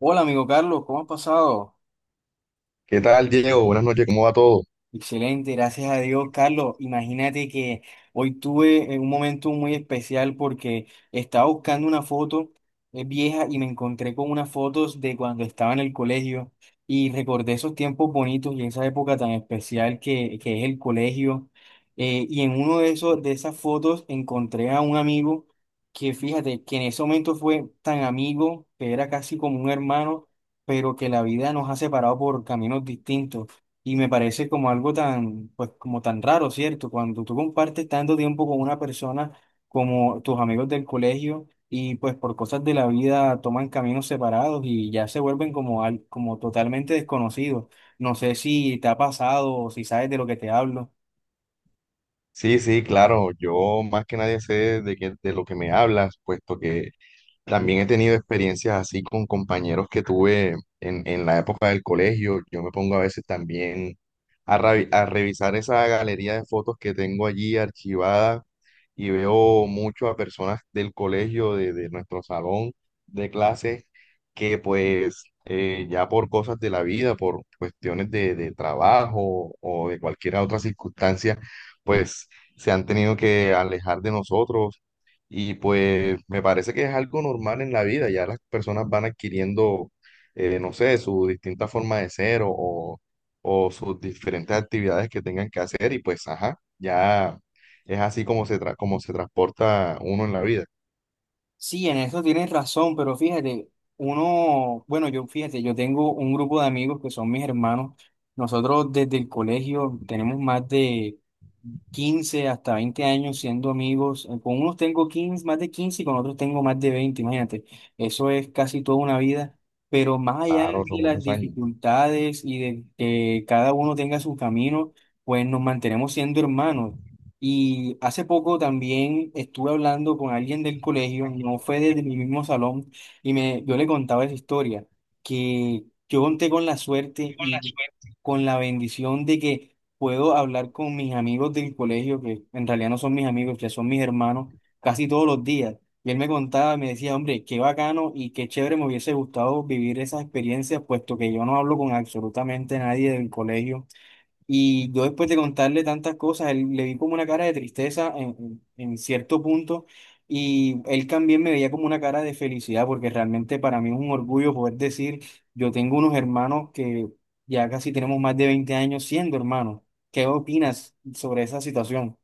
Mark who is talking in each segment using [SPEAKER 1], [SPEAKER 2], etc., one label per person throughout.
[SPEAKER 1] Hola amigo Carlos, ¿cómo has pasado?
[SPEAKER 2] ¿Qué tal, Diego? Buenas noches, ¿cómo va todo?
[SPEAKER 1] Excelente, gracias a Dios, Carlos. Imagínate que hoy tuve un momento muy especial porque estaba buscando una foto vieja y me encontré con unas fotos de cuando estaba en el colegio y recordé esos tiempos bonitos y esa época tan especial que es el colegio. Y en uno de esos, de esas fotos encontré a un amigo que fíjate que en ese momento fue tan amigo que era casi como un hermano, pero que la vida nos ha separado por caminos distintos. Y me parece como algo tan, pues como tan raro, ¿cierto? Cuando tú compartes tanto tiempo con una persona como tus amigos del colegio y pues por cosas de la vida toman caminos separados y ya se vuelven como, como totalmente desconocidos. No sé si te ha pasado o si sabes de lo que te hablo.
[SPEAKER 2] Sí, sí, claro, yo más que nadie sé de lo que me hablas, puesto que también he tenido experiencias así con compañeros que tuve en la época del colegio. Yo me pongo a veces también a revisar esa galería de fotos que tengo allí archivada y veo mucho a personas del colegio, de nuestro salón de clases, que pues ya por cosas de la vida, por cuestiones de trabajo o de cualquier otra circunstancia, pues se han tenido que alejar de nosotros y pues me parece que es algo normal en la vida, ya las personas van adquiriendo, no sé, su distinta forma de ser o sus diferentes actividades que tengan que hacer y pues, ajá, ya es así como como se transporta uno en la vida.
[SPEAKER 1] Sí, en eso tienes razón, pero fíjate, uno, bueno, yo fíjate, yo tengo un grupo de amigos que son mis hermanos. Nosotros desde el colegio tenemos más de 15 hasta 20 años siendo amigos. Con unos tengo 15, más de 15 y con otros tengo más de 20, imagínate. Eso es casi toda una vida. Pero más allá
[SPEAKER 2] Claro, son
[SPEAKER 1] de las
[SPEAKER 2] muchos años.
[SPEAKER 1] dificultades y de que cada uno tenga su camino, pues nos mantenemos siendo hermanos. Y hace poco también estuve hablando con alguien del colegio, no fue desde mi mismo salón, y yo le contaba esa historia, que yo conté con la suerte y con la bendición de que puedo hablar con mis amigos del colegio, que en realidad no son mis amigos, que son mis hermanos, casi todos los días. Y él me contaba, me decía, hombre, qué bacano y qué chévere me hubiese gustado vivir esas experiencias, puesto que yo no hablo con absolutamente nadie del colegio. Y yo después de contarle tantas cosas, él, le vi como una cara de tristeza en cierto punto y él también me veía como una cara de felicidad porque realmente para mí es un orgullo poder decir, yo tengo unos hermanos que ya casi tenemos más de 20 años siendo hermanos. ¿Qué opinas sobre esa situación?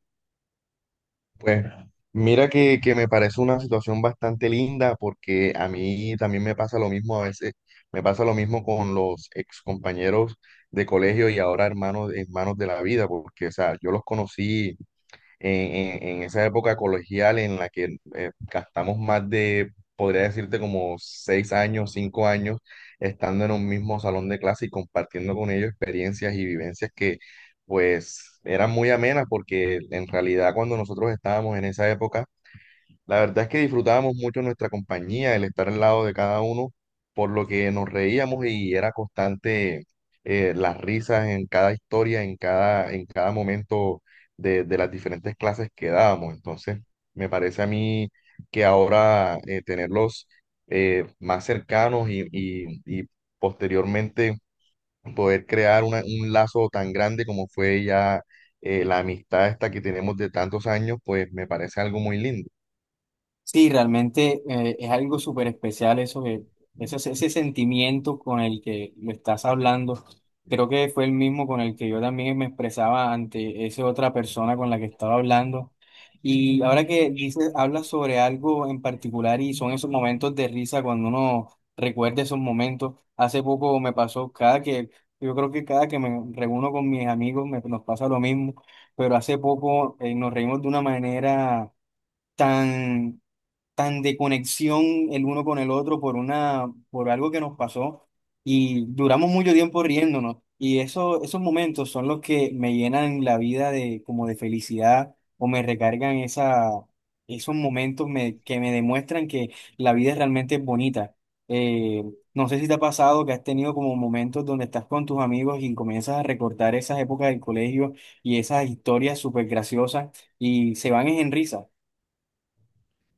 [SPEAKER 2] Pues mira que me parece una situación bastante linda porque a mí también me pasa lo mismo a veces, me pasa lo mismo con los ex compañeros de colegio y ahora hermanos, hermanos de la vida, porque o sea, yo los conocí en esa época colegial en la que gastamos más de, podría decirte, como 6 años, 5 años, estando en un mismo salón de clase y compartiendo con ellos experiencias y vivencias que, pues, eran muy amenas, porque en realidad cuando nosotros estábamos en esa época, la verdad es que disfrutábamos mucho nuestra compañía, el estar al lado de cada uno, por lo que nos reíamos y era constante las risas en cada historia, en cada momento de las diferentes clases que dábamos. Entonces, me parece a mí que ahora tenerlos más cercanos y posteriormente poder crear un lazo tan grande como fue ya, la amistad esta que tenemos de tantos años, pues me parece algo muy lindo.
[SPEAKER 1] Sí, realmente es algo súper especial ese sentimiento con el que lo estás hablando. Creo que fue el mismo con el que yo también me expresaba ante esa otra persona con la que estaba hablando. Y ahora que hablas sobre algo en particular y son esos momentos de risa cuando uno recuerda esos momentos. Hace poco me pasó yo creo que cada que me reúno con mis amigos nos pasa lo mismo, pero hace poco nos reímos de una manera tan tan de conexión el uno con el otro por algo que nos pasó y duramos mucho tiempo riéndonos. Y eso, esos momentos son los que me llenan la vida de, como de felicidad o me recargan esa, esos momentos que me demuestran que la vida realmente es bonita. Eh, no sé si te ha pasado que has tenido como momentos donde estás con tus amigos y comienzas a recordar esas épocas del colegio y esas historias súper graciosas y se van en risa.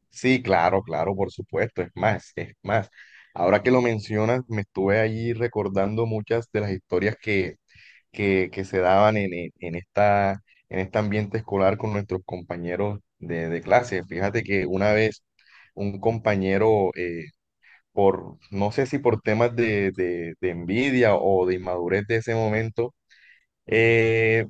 [SPEAKER 2] Sí, claro, claro, por supuesto. Es más, es más. Ahora que lo mencionas, me estuve allí recordando muchas de las historias que se daban en esta, en este ambiente escolar con nuestros compañeros de clase. Fíjate que una vez un compañero, por, no sé si por temas de envidia o de inmadurez de ese momento, eh,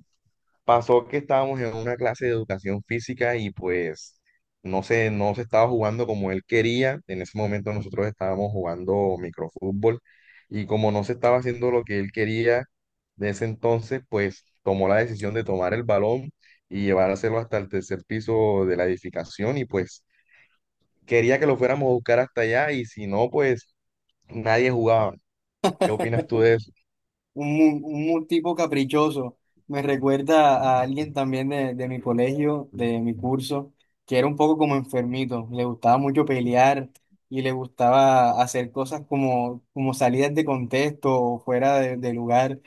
[SPEAKER 2] pasó que estábamos en una clase de educación física y pues no se estaba jugando como él quería. En ese momento nosotros estábamos jugando microfútbol y como no se estaba haciendo lo que él quería de ese entonces, pues tomó la decisión de tomar el balón y llevárselo hasta el tercer piso de la edificación y pues quería que lo fuéramos a buscar hasta allá y si no, pues nadie jugaba. ¿Qué opinas tú de eso?
[SPEAKER 1] Un tipo caprichoso. Me recuerda a alguien también de mi colegio, de mi curso, que era un poco como enfermito. Le gustaba mucho pelear y le gustaba hacer cosas como salidas de contexto o fuera de lugar.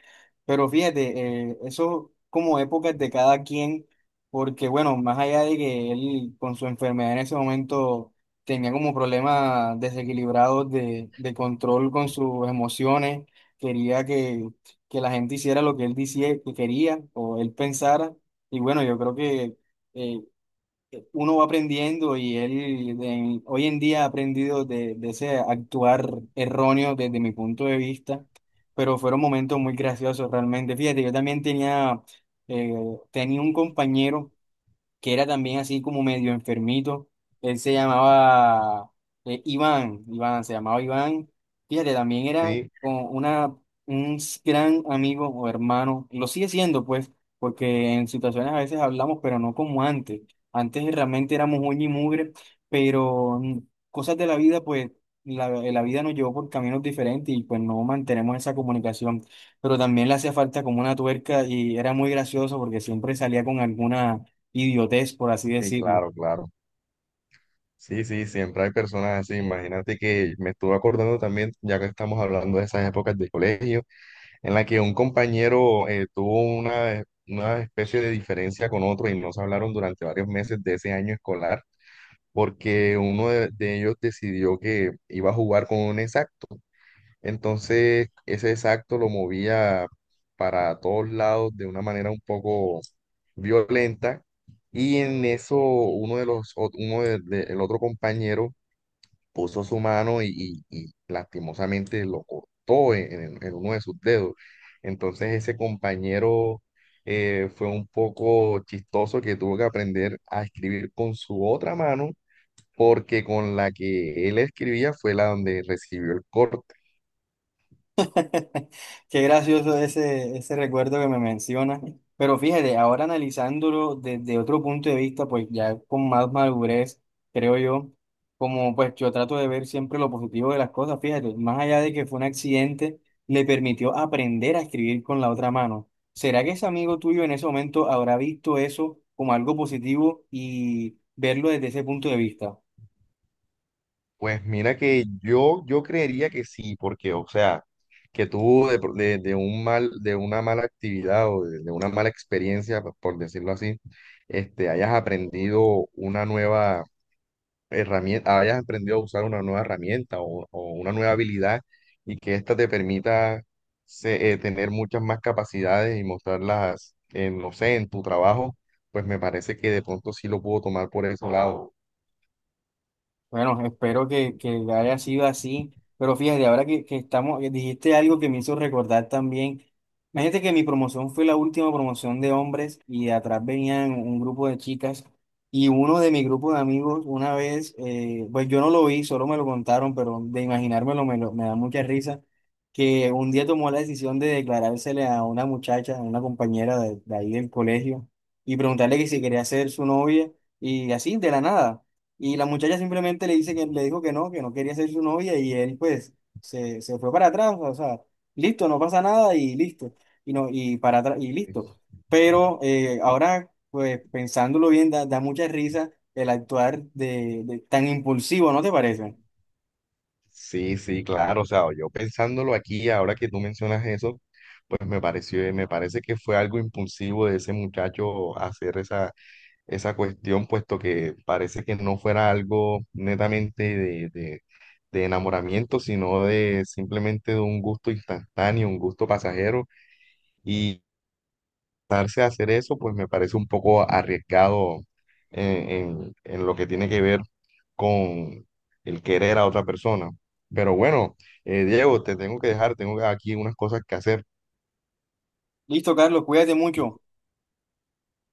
[SPEAKER 1] Pero fíjate, eso como épocas de cada quien, porque bueno, más allá de que él con su enfermedad en ese momento tenía como problemas desequilibrados de control con sus emociones, quería que la gente hiciera lo que él decía que quería o él pensara. Y bueno, yo creo que eh, uno va aprendiendo y él hoy en día ha aprendido de ese actuar erróneo desde mi punto de vista, pero fueron momentos muy graciosos realmente. Fíjate, yo también eh, tenía un compañero que era también así como medio enfermito. Él se llamaba Iván, Iván, se llamaba Iván. Fíjate, también era
[SPEAKER 2] Sí,
[SPEAKER 1] como un gran amigo o hermano. Lo sigue siendo, pues, porque en situaciones a veces hablamos, pero no como antes. Antes realmente éramos uña y mugre, pero cosas de la vida, pues, la vida nos llevó por caminos diferentes y pues no mantenemos esa comunicación. Pero también le hacía falta como una tuerca y era muy gracioso porque siempre salía con alguna idiotez, por así
[SPEAKER 2] sí,
[SPEAKER 1] decirlo.
[SPEAKER 2] claro, claro. Sí, sí, siempre hay personas así. Imagínate que me estuve acordando también, ya que estamos hablando de esas épocas de colegio, en la que un compañero tuvo una especie de diferencia con otro y no se hablaron durante varios meses de ese año escolar, porque uno de ellos decidió que iba a jugar con un exacto. Entonces, ese exacto lo movía para todos lados de una manera un poco violenta. Y en eso, uno de los, ot- uno de- el otro compañero puso su mano y lastimosamente lo cortó en uno de sus dedos. Entonces ese compañero fue un poco chistoso que tuvo que aprender a escribir con su otra mano porque con la que él escribía fue la donde recibió el corte.
[SPEAKER 1] Qué gracioso ese recuerdo que me menciona. Pero fíjate, ahora analizándolo desde otro punto de vista, pues ya con más madurez, creo yo, como pues yo trato de ver siempre lo positivo de las cosas, fíjate, más allá de que fue un accidente, le permitió aprender a escribir con la otra mano. ¿Será que ese amigo tuyo en ese momento habrá visto eso como algo positivo y verlo desde ese punto de vista?
[SPEAKER 2] Pues mira que yo creería que sí, porque o sea, que tuvo de un mal, de una mala actividad o de una mala experiencia, por decirlo así, este, hayas aprendido una nueva herramienta, hayas aprendido a usar una nueva herramienta o una nueva habilidad y que ésta te permita tener muchas más capacidades y mostrarlas, en, no sé, en tu trabajo, pues me parece que de pronto sí lo puedo tomar por ese lado.
[SPEAKER 1] Bueno, espero que haya sido así, pero fíjate, ahora que que dijiste algo que me hizo recordar también. Imagínate que mi promoción fue la última promoción de hombres y de atrás venían un grupo de chicas y uno de mi grupo de amigos una vez, pues yo no lo vi, solo me lo contaron, pero de imaginármelo me da mucha risa, que un día tomó la decisión de declarársele a una muchacha, a una compañera de ahí del colegio y preguntarle que si quería ser su novia y así de la nada. Y la muchacha simplemente le dice que le dijo que no quería ser su novia y él pues se fue para atrás, o sea, listo, no pasa nada y listo. Y no, y para atrás y listo. Pero ahora pues pensándolo bien da mucha risa el actuar de tan impulsivo, ¿no te parece?
[SPEAKER 2] Sí, sí, claro, o sea, yo pensándolo aquí, ahora que tú mencionas eso, pues me parece que fue algo impulsivo de ese muchacho hacer esa cuestión, puesto que parece que no fuera algo netamente de enamoramiento, sino de simplemente de un gusto instantáneo, un gusto pasajero, y darse a hacer eso, pues me parece un poco arriesgado en lo que tiene que ver con el querer a otra persona. Pero bueno, Diego, te tengo que dejar, tengo aquí unas cosas que hacer.
[SPEAKER 1] Listo, Carlos, cuídate mucho.